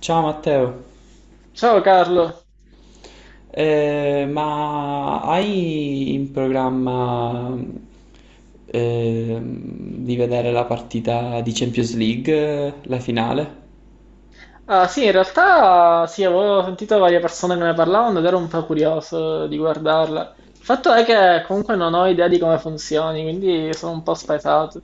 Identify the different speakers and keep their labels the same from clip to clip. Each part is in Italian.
Speaker 1: Ciao Matteo,
Speaker 2: Ciao Carlo.
Speaker 1: Ma hai in programma di vedere la partita di Champions League, la finale?
Speaker 2: Ah, sì, in realtà sì, avevo sentito varie persone che ne parlavano ed ero un po' curioso di guardarla. Il fatto è che comunque non ho idea di come funzioni, quindi sono un po' spaesato.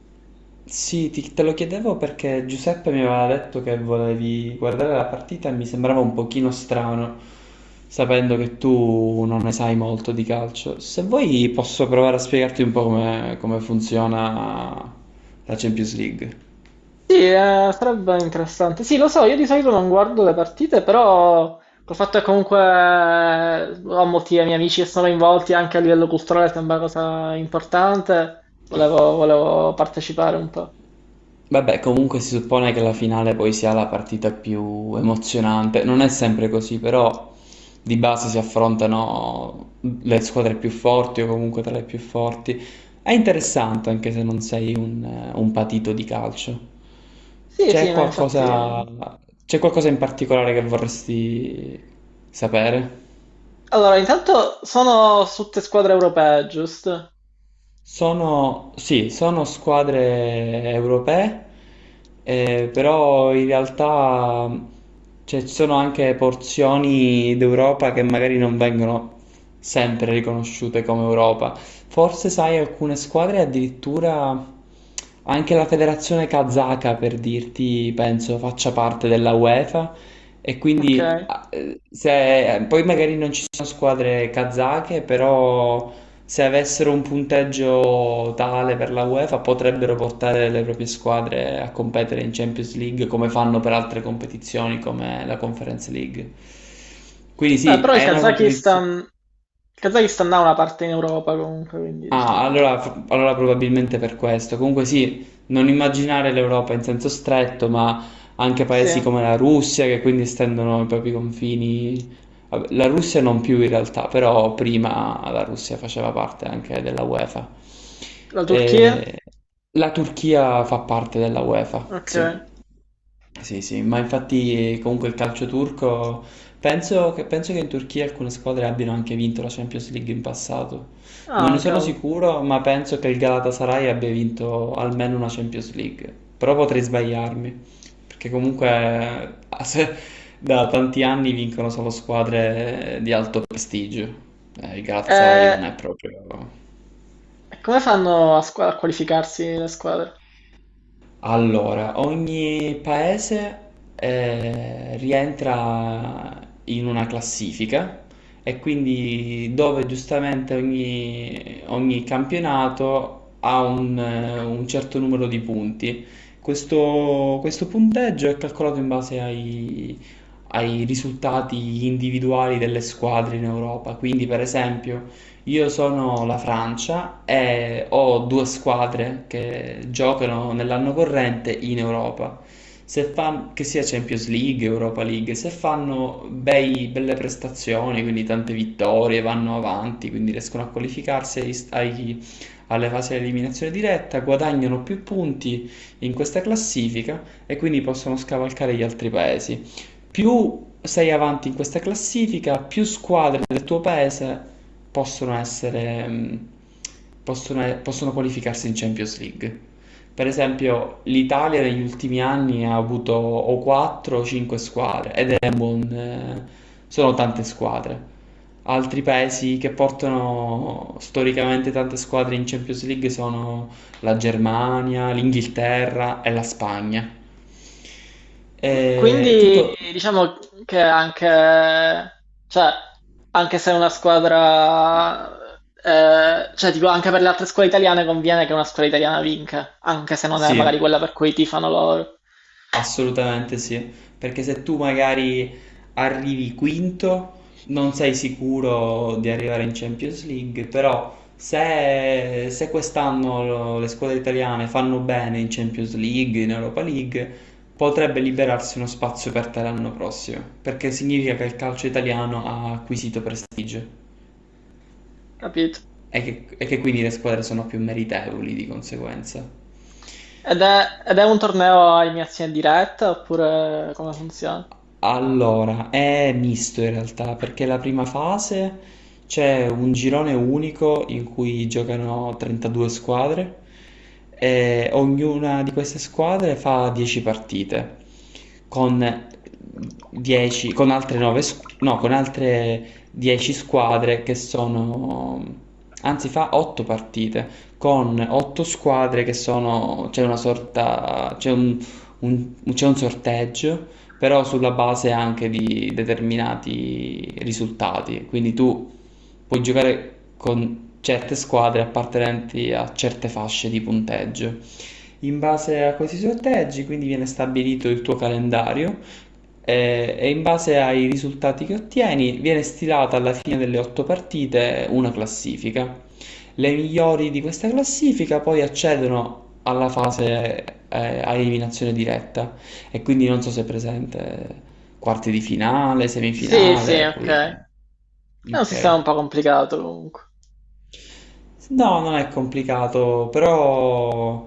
Speaker 1: Sì, te lo chiedevo perché Giuseppe mi aveva detto che volevi guardare la partita e mi sembrava un pochino strano, sapendo che tu non ne sai molto di calcio. Se vuoi posso provare a spiegarti un po' come funziona la Champions League.
Speaker 2: Sì, sarebbe interessante. Sì, lo so, io di solito non guardo le partite, però col fatto che comunque ho molti miei amici che sono coinvolti anche a livello culturale, sembra una cosa importante, volevo partecipare un po'.
Speaker 1: Vabbè, comunque si suppone che la finale poi sia la partita più emozionante. Non è sempre così, però di base si affrontano le squadre più forti o comunque tra le più forti. È interessante anche se non sei un patito di calcio.
Speaker 2: Sì,
Speaker 1: C'è
Speaker 2: sì, ma
Speaker 1: qualcosa,
Speaker 2: infatti...
Speaker 1: c'è qualcosa in particolare che vorresti sapere?
Speaker 2: Allora, intanto sono su tutte squadre europee, giusto?
Speaker 1: Sono, sì, sono squadre europee, però in realtà, cioè, ci sono anche porzioni d'Europa che magari non vengono sempre riconosciute come Europa. Forse, sai, alcune squadre addirittura anche la federazione kazaka, per dirti, penso faccia parte della UEFA e
Speaker 2: Ok.
Speaker 1: quindi ah, se, poi magari non ci sono squadre kazake, però se avessero un punteggio tale per la UEFA potrebbero portare le proprie squadre a competere in Champions League come fanno per altre competizioni come la Conference League. Quindi sì,
Speaker 2: Però
Speaker 1: è una competizione.
Speaker 2: Il Kazakistan ha una parte in Europa comunque, quindi
Speaker 1: Ah,
Speaker 2: diciamo che...
Speaker 1: allora probabilmente per questo. Comunque sì, non immaginare l'Europa in senso stretto, ma anche
Speaker 2: Sì,
Speaker 1: paesi come la Russia che quindi estendono i propri confini. Vabbè, la Russia non più in realtà, però prima la Russia faceva parte anche della UEFA.
Speaker 2: la Turchia?
Speaker 1: E la Turchia fa parte della UEFA,
Speaker 2: Ok.
Speaker 1: sì. Sì, sì, ma infatti comunque il calcio turco, penso che in Turchia alcune squadre abbiano anche vinto la Champions League in passato. Non ne
Speaker 2: Ah,
Speaker 1: sono
Speaker 2: cavolo.
Speaker 1: sicuro, ma penso che il Galatasaray abbia vinto almeno una Champions League. Però potrei sbagliarmi, perché comunque eh, se- da tanti anni vincono solo squadre di alto prestigio. Il Galatasaray
Speaker 2: Eh,
Speaker 1: non è proprio...
Speaker 2: E come fanno a, a qualificarsi le squadre?
Speaker 1: Allora, ogni paese rientra in una classifica e quindi dove giustamente ogni campionato ha un certo numero di punti. Questo punteggio è calcolato in base ai risultati individuali delle squadre in Europa. Quindi, per esempio, io sono la Francia e ho due squadre che giocano nell'anno corrente in Europa. Se fan- che sia Champions League, Europa League, se fanno belle prestazioni, quindi tante vittorie, vanno avanti, quindi riescono a qualificarsi alle fasi di eliminazione diretta, guadagnano più punti in questa classifica e quindi possono scavalcare gli altri paesi. Più sei avanti in questa classifica, più squadre del tuo paese possono essere, possono qualificarsi in Champions League. Per esempio, l'Italia negli ultimi anni ha avuto o 4 o 5 squadre ed è sono tante squadre. Altri paesi che portano storicamente tante squadre in Champions League sono la Germania, l'Inghilterra e la Spagna. E
Speaker 2: Quindi
Speaker 1: tutto.
Speaker 2: diciamo che anche, cioè, anche se una squadra, cioè tipo anche per le altre scuole italiane conviene che una scuola italiana vinca, anche se non è magari
Speaker 1: Sì,
Speaker 2: quella per cui tifano loro,
Speaker 1: assolutamente sì, perché se tu magari arrivi quinto, non sei sicuro di arrivare in Champions League, però se quest'anno le squadre italiane fanno bene in Champions League, in Europa League, potrebbe liberarsi uno spazio per te l'anno prossimo, perché significa che il calcio italiano ha acquisito prestigio
Speaker 2: capito?
Speaker 1: e che quindi le squadre sono più meritevoli di conseguenza.
Speaker 2: Ed è un torneo a eliminazione diretta oppure come funziona?
Speaker 1: Allora, è misto in realtà, perché la prima fase c'è un girone unico in cui giocano 32 squadre e ognuna di queste squadre fa 10 partite con 10, con altre 9, no, con altre 10 squadre che sono, anzi fa 8 partite con 8 squadre che sono, c'è una sorta, c'è c'è un sorteggio, però sulla base anche di determinati risultati. Quindi tu puoi giocare con certe squadre appartenenti a certe fasce di punteggio. In base a questi sorteggi, quindi viene stabilito il tuo calendario e in base ai risultati che ottieni viene stilata alla fine delle otto partite una classifica. Le migliori di questa classifica poi accedono alla fase a eliminazione diretta e quindi non so se è presente quarti di finale,
Speaker 2: Sì, sì,
Speaker 1: semifinale, poi...
Speaker 2: ok. È un
Speaker 1: Ok.
Speaker 2: sistema un po' complicato comunque.
Speaker 1: No, non è complicato, però,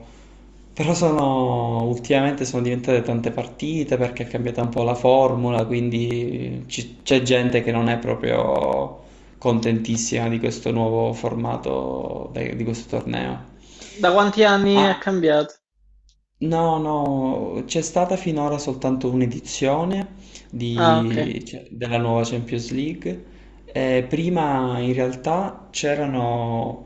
Speaker 1: però sono, ultimamente sono diventate tante partite perché è cambiata un po' la formula, quindi c'è gente che non è proprio contentissima di questo nuovo formato di questo torneo.
Speaker 2: Da quanti anni è
Speaker 1: Ah,
Speaker 2: cambiato?
Speaker 1: no, no, c'è stata finora soltanto un'edizione
Speaker 2: Ah, ok.
Speaker 1: cioè, della nuova Champions League. Prima in realtà c'erano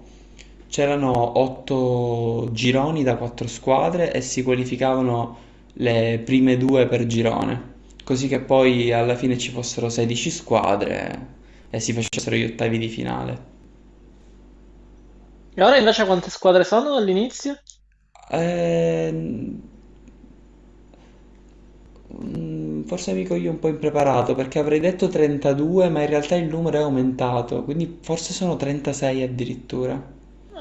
Speaker 1: c'erano otto gironi da quattro squadre e si qualificavano le prime due per girone, così che poi alla fine ci fossero 16 squadre e si facessero gli ottavi di finale.
Speaker 2: E ora invece quante squadre sono all'inizio?
Speaker 1: Ehm, Forse mi coglie un po' impreparato perché avrei detto 32, ma in realtà il numero è aumentato, quindi forse sono 36 addirittura.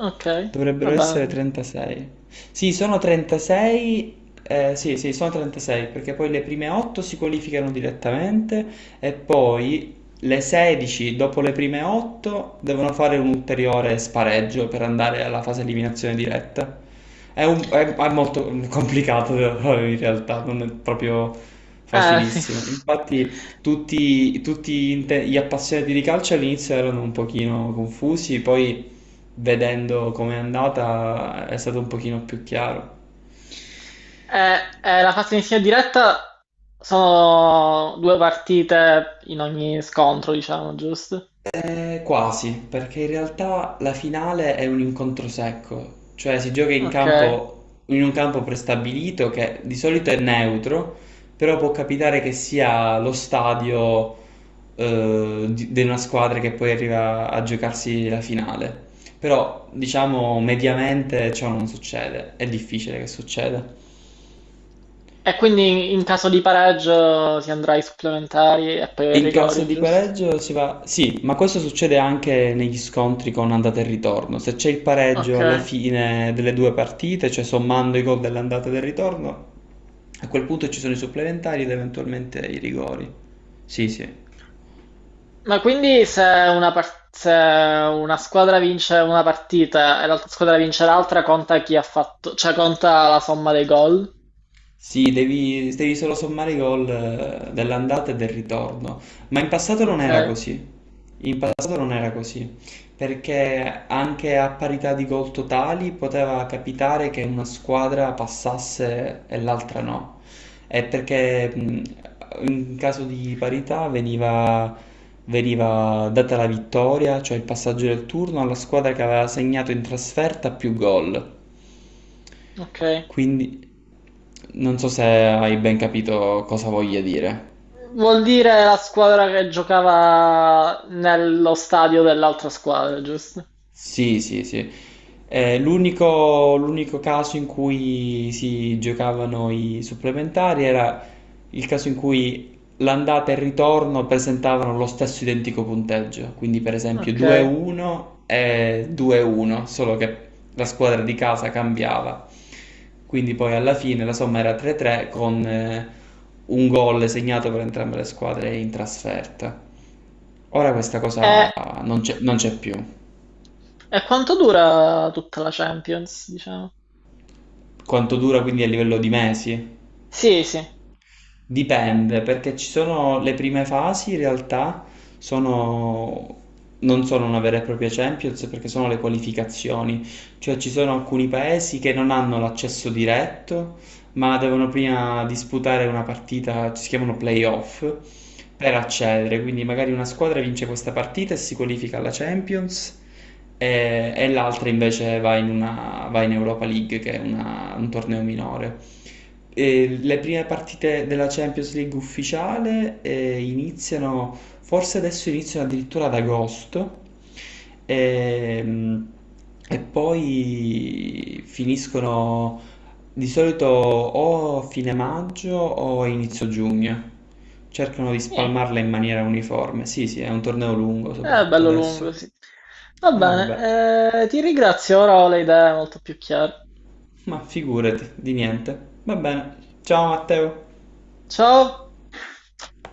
Speaker 2: Okay,
Speaker 1: Dovrebbero essere
Speaker 2: vabbè.
Speaker 1: 36. Sì, sono 36. Sì, sì, sono 36, perché poi le prime 8 si qualificano direttamente e poi le 16 dopo le prime 8 devono fare un ulteriore spareggio per andare alla fase eliminazione diretta. È molto complicato da fare in realtà, non è proprio
Speaker 2: Eh sì.
Speaker 1: facilissimo. Infatti tutti gli gli appassionati di calcio all'inizio erano un pochino confusi, poi vedendo com'è andata è stato un pochino più chiaro.
Speaker 2: La fase iniziale diretta sono due partite in ogni scontro, diciamo, giusto?
Speaker 1: Quasi, perché in realtà la finale è un incontro secco, cioè si gioca in
Speaker 2: Okay.
Speaker 1: campo, in un campo prestabilito che di solito è neutro, però può capitare che sia lo stadio di una squadra che poi arriva a giocarsi la finale. Però, diciamo, mediamente ciò non succede, è difficile che succeda.
Speaker 2: E quindi in caso di pareggio si andrà ai supplementari e poi ai
Speaker 1: In caso
Speaker 2: rigori,
Speaker 1: di
Speaker 2: giusto?
Speaker 1: pareggio si va... Sì, ma questo succede anche negli scontri con andata e ritorno. Se c'è il pareggio alla
Speaker 2: Okay.
Speaker 1: fine delle due partite, cioè sommando i gol dell'andata e del ritorno, a quel punto ci sono i supplementari ed eventualmente i rigori. Sì, sì.
Speaker 2: Ma quindi se una, se una squadra vince una partita e l'altra squadra vince l'altra, conta chi ha fatto, cioè conta la somma dei gol?
Speaker 1: Sì, devi solo sommare i gol dell'andata e del ritorno, ma in passato non
Speaker 2: Ok,
Speaker 1: era così. In passato non era così, perché anche a parità di gol totali poteva capitare che una squadra passasse e l'altra no. È perché in caso di parità veniva data la vittoria, cioè il passaggio del turno, alla squadra che aveva segnato in trasferta più gol.
Speaker 2: ok.
Speaker 1: Quindi non so se hai ben capito cosa voglia dire.
Speaker 2: Vuol dire la squadra che giocava nello stadio dell'altra squadra, giusto?
Speaker 1: Sì, sì, sì. L'unico caso in cui si giocavano i supplementari era il caso in cui l'andata e il ritorno presentavano lo stesso identico punteggio, quindi per esempio
Speaker 2: Ok.
Speaker 1: 2-1 e 2-1, solo che la squadra di casa cambiava. Quindi poi alla fine la somma era 3-3 con un gol segnato per entrambe le squadre in trasferta. Ora questa
Speaker 2: E,
Speaker 1: cosa non c'è più.
Speaker 2: e quanto dura tutta la Champions, diciamo?
Speaker 1: Quanto dura quindi a livello di mesi?
Speaker 2: Sì, sì.
Speaker 1: Dipende, perché ci sono le prime fasi in realtà sono non sono una vera e propria Champions perché sono le qualificazioni, cioè ci sono alcuni paesi che non hanno l'accesso diretto ma devono prima disputare una partita, si chiamano playoff, per accedere. Quindi magari una squadra vince questa partita e si qualifica alla Champions e l'altra invece va in Europa League, che è un torneo minore. E le prime partite della Champions League ufficiale iniziano, forse adesso iniziano addirittura ad agosto. Ehm, E, poi finiscono di solito o fine maggio o inizio giugno. Cercano di
Speaker 2: Eh,
Speaker 1: spalmarla in maniera uniforme. Sì, sì, è un torneo lungo,
Speaker 2: è
Speaker 1: soprattutto
Speaker 2: bello lungo,
Speaker 1: adesso.
Speaker 2: sì. Va
Speaker 1: Vabbè,
Speaker 2: bene, ti ringrazio, ora ho le idee molto più chiare.
Speaker 1: ma figurati, di niente. Va bene. Ciao Matteo.
Speaker 2: Ciao!